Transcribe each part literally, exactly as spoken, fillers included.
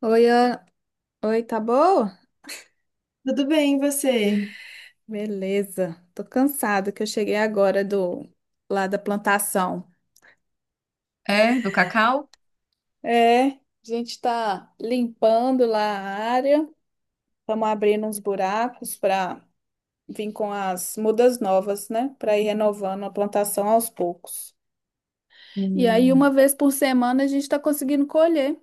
Oi, Ana. Oi, tá boa? Tudo bem, e você? Beleza. Tô cansada que eu cheguei agora do lá da plantação. É, do cacau? É, a gente tá limpando lá a área, estamos abrindo uns buracos para vir com as mudas novas, né? Para ir renovando a plantação aos poucos. E aí, uma Hum. vez por semana, a gente está conseguindo colher.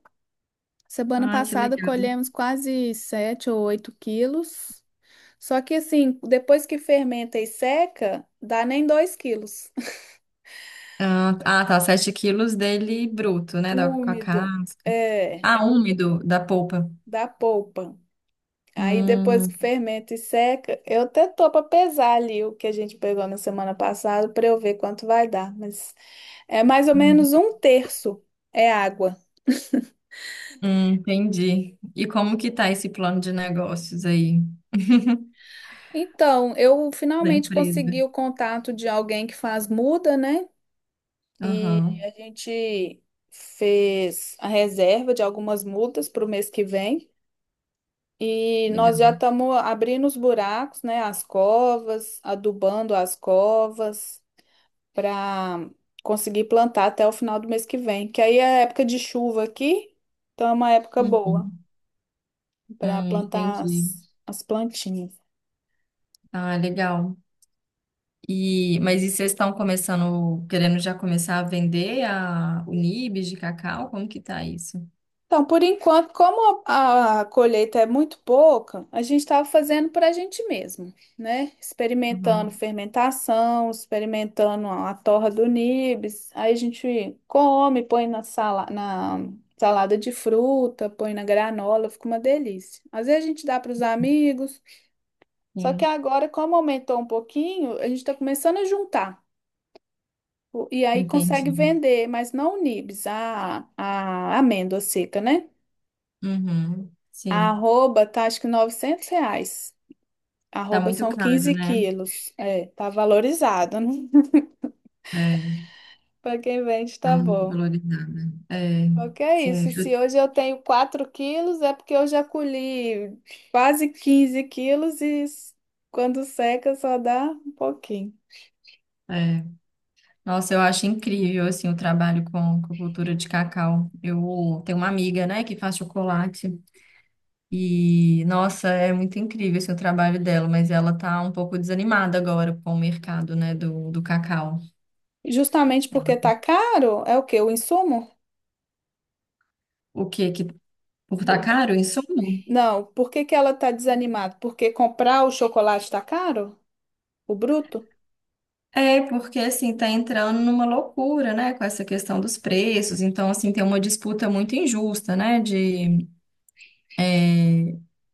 Semana Ai, que passada legal. colhemos quase sete ou oito quilos. Só que assim, depois que fermenta e seca, dá nem dois quilos. Ah, ah, tá, sete quilos dele bruto, né? Da, com a Úmido, casca. é, Ah, úmido, da polpa. da polpa. Aí depois que Hum, fermenta e seca, eu até tô para pesar ali o que a gente pegou na semana passada para eu ver quanto vai dar, mas é mais ou Hum. menos um terço é água. hum, entendi. E como que tá esse plano de negócios aí Então, eu da finalmente empresa? consegui o contato de alguém que faz muda, né? E Aham, a gente fez a reserva de algumas mudas para o mês que vem. E nós legal. já estamos abrindo os buracos, né, as covas, adubando as covas para conseguir plantar até o final do mês que vem, que aí é época de chuva aqui, então é uma época boa Uhum, para hum, plantar entendi. as, as plantinhas. Ah, legal. E, mas e vocês estão começando, querendo já começar a vender a, o nibs de cacau? Como que tá isso? Então, por enquanto, como a, a colheita é muito pouca, a gente estava fazendo para a gente mesmo, né? Experimentando Aham, fermentação, experimentando a, a torra do nibs. Aí a gente come, põe na, sala, na salada de fruta, põe na granola, fica uma delícia. Às vezes a gente dá para os amigos, só que agora, como aumentou um pouquinho, a gente está começando a juntar. O- E aí entendi. consegue vender, mas não o nibs, a, a amêndoa seca, né? Uhum. A Sim, arroba tá acho que novecentos reais. tá Arroba muito são caro, quinze né? quilos. É, tá valorizado, né? É, Para quem vende, tá tá muito bom. valorizada. É, O é isso? sim, eu- Se hoje eu tenho quatro quilos, é porque eu já colhi quase quinze quilos e s- quando seca só dá um pouquinho. é. Nossa, eu acho incrível, assim, o trabalho com, com cultura de cacau. Eu tenho uma amiga, né, que faz chocolate e, nossa, é muito incrível, assim, o trabalho dela, mas ela tá um pouco desanimada agora com o mercado, né, do, do cacau. Justamente porque tá caro, é o quê? O insumo? O que que, por tá O- caro, insumo? Não, por que que ela tá desanimada? Porque comprar o chocolate tá caro? O bruto? É, porque assim, tá entrando numa loucura, né, com essa questão dos preços. Então, assim, tem uma disputa muito injusta, né, de,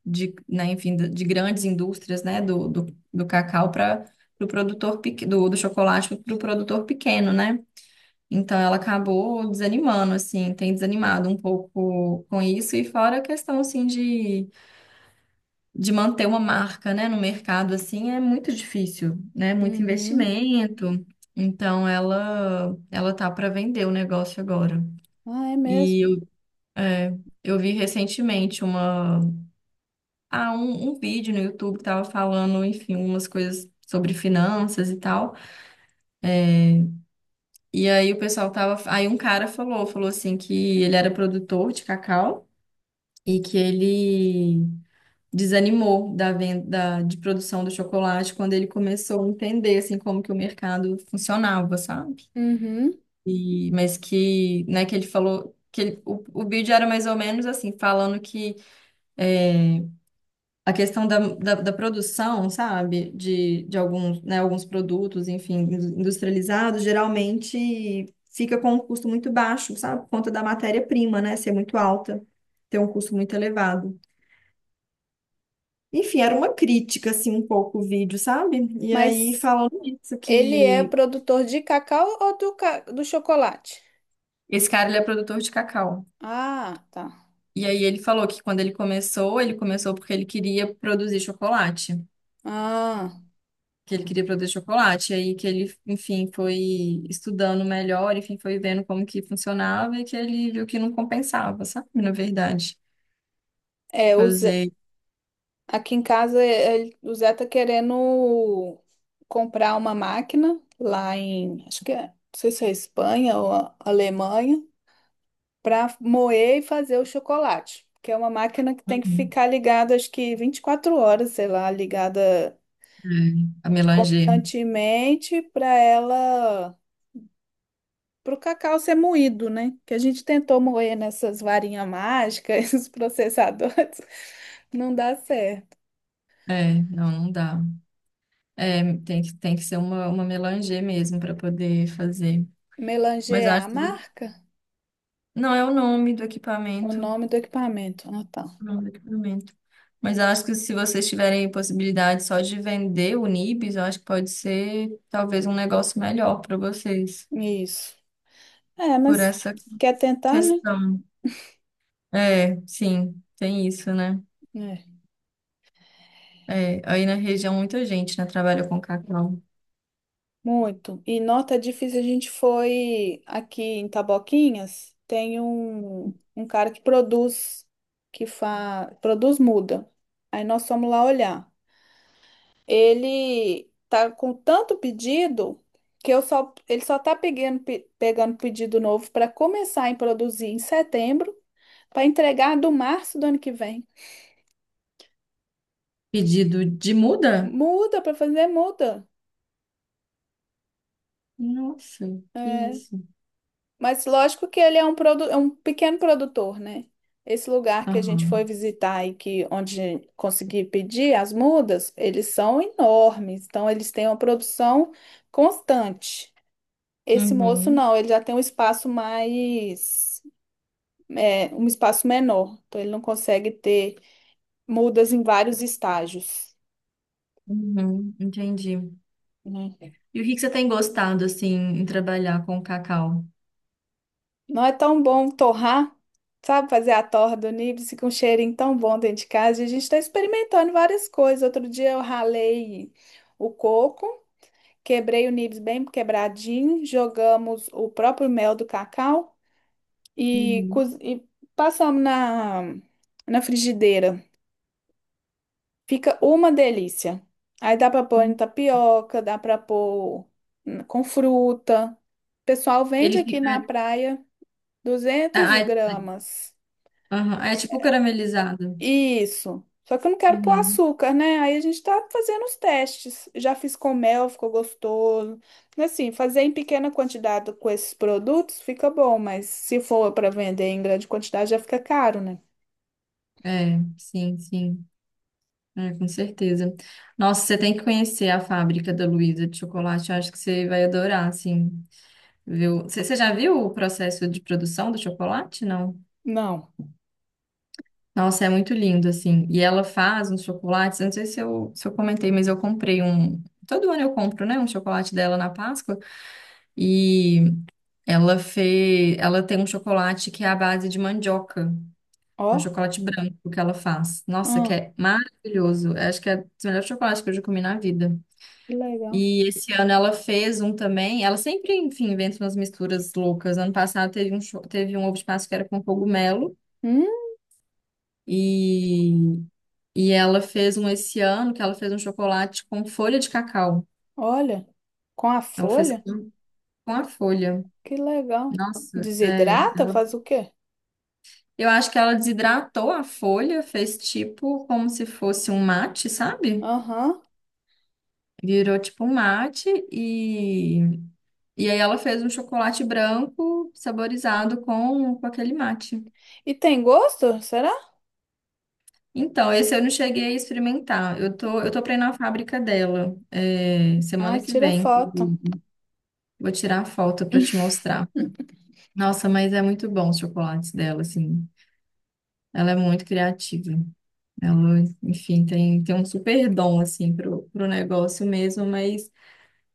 de né, enfim, de de grandes indústrias, né, do, do, do cacau para o produtor pequ- do, do chocolate para o produtor pequeno, né? Então, ela acabou desanimando, assim, tem desanimado um pouco com isso. E fora a questão, assim, de de manter uma marca, né, no mercado assim é muito difícil, né? Muito Uhum. investimento. Então ela ela tá para vender o negócio agora. Ah, é mesmo. E eu, é, eu vi recentemente uma ah, um, um vídeo no YouTube que tava falando, enfim, umas coisas sobre finanças e tal. E aí o pessoal tava, aí um cara falou, falou assim que ele era produtor de cacau e que ele desanimou da venda de produção do chocolate quando ele começou a entender assim como que o mercado funcionava, sabe? Uhum. E mas que, né, que ele falou que ele- o, o vídeo era mais ou menos assim, falando que é, a questão da, da, da produção, sabe, de, de alguns, né, alguns produtos, enfim, indus- industrializados, geralmente fica com um custo muito baixo, sabe, por conta da matéria-prima, né, ser muito alta, ter um custo muito elevado. Enfim, era uma crítica, assim, um pouco o vídeo, sabe? E aí Mas falando isso, ele é que produtor de cacau ou do, ca- do chocolate? esse cara, ele é produtor de cacau. Ah, tá. E aí ele falou que quando ele começou, ele começou porque ele queria produzir chocolate. Ah, Que ele queria produzir chocolate. E aí que ele, enfim, foi estudando melhor, enfim, foi vendo como que funcionava e que ele viu que não compensava, sabe? Na verdade. é, o Zé- Fazer. aqui em casa ele- o Zé tá querendo comprar uma máquina lá em, acho que é, não sei se é Espanha ou a- Alemanha, para moer e fazer o chocolate, que é uma máquina que tem que Uhum. ficar ligada, acho que vinte e quatro horas, sei lá, ligada É, a melanger. constantemente para ela para o cacau ser moído, né? Que a gente tentou moer nessas varinhas mágicas, esses processadores, não dá certo. É, não, não dá. É, tem que, tem que ser uma, uma melanger mesmo para poder fazer. Melanger Mas eu é a acho que marca? não é o nome do O equipamento, nome do equipamento. Ah, tá. o nome do equipamento. Mas eu acho que se vocês tiverem possibilidade só de vender o Nibs, eu acho que pode ser talvez um negócio melhor para vocês, Isso. É, por mas essa quer tentar, né? questão. É, sim, tem isso, né? É. É, aí na região muita gente, né, trabalha com cacau. Muito. E nota difícil, a gente foi aqui em Taboquinhas, tem um, um cara que produz, que fa... produz muda. Aí nós fomos lá olhar. Ele tá com tanto pedido que eu só, ele só tá pegando, pe- pegando pedido novo para começar a produzir em setembro, para entregar do março do ano que vem. Pedido de muda? Muda para fazer, muda. Nossa, que É, isso. mas lógico que ele é um, produ, é um pequeno produtor, né? Esse lugar que a gente foi Aham. visitar e que onde consegui pedir as mudas, eles são enormes, então eles têm uma produção constante. Esse moço Uhum, não, ele já tem um espaço mais é, um espaço menor, então ele não consegue ter mudas em vários estágios, uhum, entendi. né? E o que que você tem gostado, assim, em trabalhar com cacau? Não é tão bom torrar, sabe, fazer a torra do níbice com um cheirinho tão bom dentro de casa. E a gente está experimentando várias coisas. Outro dia eu ralei o coco, quebrei o níbice bem quebradinho, jogamos o próprio mel do cacau e, Uhum. coz- e passamos na, na frigideira. Fica uma delícia. Aí dá pra pôr em tapioca, dá pra pôr hum, com fruta. O pessoal vende Ele aqui fica. na praia duzentos Ah, é, gramas. aham, é tipo caramelizado. Isso. Só que eu não quero pôr Uhum, açúcar, né? Aí a gente tá fazendo os testes. Já fiz com mel, ficou gostoso. Assim, fazer em pequena quantidade com esses produtos fica bom, mas se for para vender em grande quantidade já fica caro, né? é, sim, sim. É, com certeza. Nossa, você tem que conhecer a fábrica da Luísa de chocolate. Eu acho que você vai adorar, assim. Viu? Você você já viu o processo de produção do chocolate? Não. Não. Nossa, é muito lindo, assim. E ela faz uns chocolates. Eu Não sei se eu, se eu comentei, mas eu comprei um. Todo ano eu compro, né, um chocolate dela na Páscoa. E ela fez. Ela tem um chocolate que é à base de mandioca. Ó, É um chocolate branco que ela faz. Nossa, que hum, é maravilhoso. Acho que é o melhor chocolate que eu já comi na vida. que legal. E esse ano ela fez um também. Ela sempre, enfim, inventa umas misturas loucas. Ano passado teve um, cho- teve um ovo de Páscoa que era com cogumelo. Hum, E, e ela fez um esse ano que ela fez um chocolate com folha de cacau. olha, com a Ela fez folha. com, com a folha. Que legal. Nossa, é, Desidrata? ela- Faz o quê? eu acho que ela desidratou a folha, fez tipo como se fosse um mate, sabe? Aham. Virou tipo um mate e, e aí ela fez um chocolate branco saborizado com, com aquele mate. E tem gosto? Será? Então, esse eu não cheguei a experimentar. Eu tô, eu tô pra ir na fábrica dela, é, Ai, semana que tira vem. foto. Vou tirar a foto pra te mostrar. Nossa, mas é muito bom os chocolates dela, assim. Ela é muito criativa. Ela, enfim, tem, tem um super dom, assim, pro, pro negócio mesmo, mas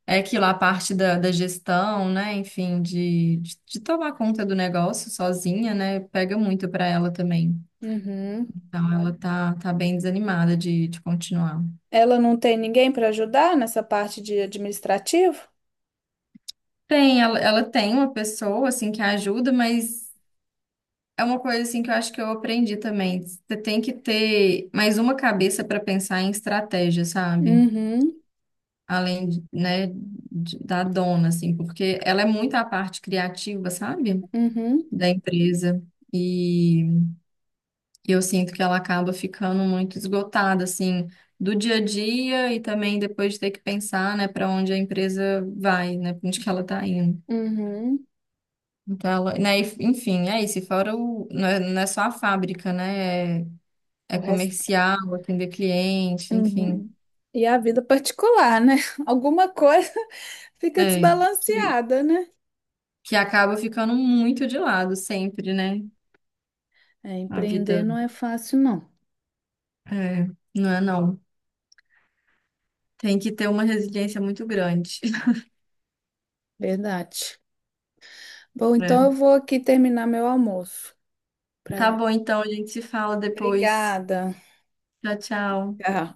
é aquilo, a parte da, da gestão, né? Enfim, de, de, de tomar conta do negócio sozinha, né? Pega muito para ela também. Uhum. Então, ela tá, tá bem desanimada de, de continuar. Ela não tem ninguém para ajudar nessa parte de administrativo? Tem, ela, ela tem uma pessoa, assim, que ajuda, mas é uma coisa, assim, que eu acho que eu aprendi também. Você tem que ter mais uma cabeça para pensar em estratégia, sabe? Uhum. Além, de, né, de- da dona, assim, porque ela é muito a parte criativa, sabe? Uhum. Da empresa. E. E eu sinto que ela acaba ficando muito esgotada, assim, do dia a dia e também depois de ter que pensar, né, para onde a empresa vai, né, para onde que ela está indo. Uhum. Então, ela, né, e- enfim, é isso. E fora o, não é, não é só a fábrica, né, é, é O resto. comercial, atender cliente, enfim, Uhum. E a vida particular, né? Alguma coisa fica é, que, desbalanceada, né? que acaba ficando muito de lado sempre, né, É, a empreender vida, não é fácil, não. é, não é não. Tem que ter uma resiliência muito grande. Verdade. Bom, então eu Né? vou aqui terminar meu almoço. Tá Pra... bom, então, a gente se fala depois. Obrigada. Tchau, tchau. Tchau.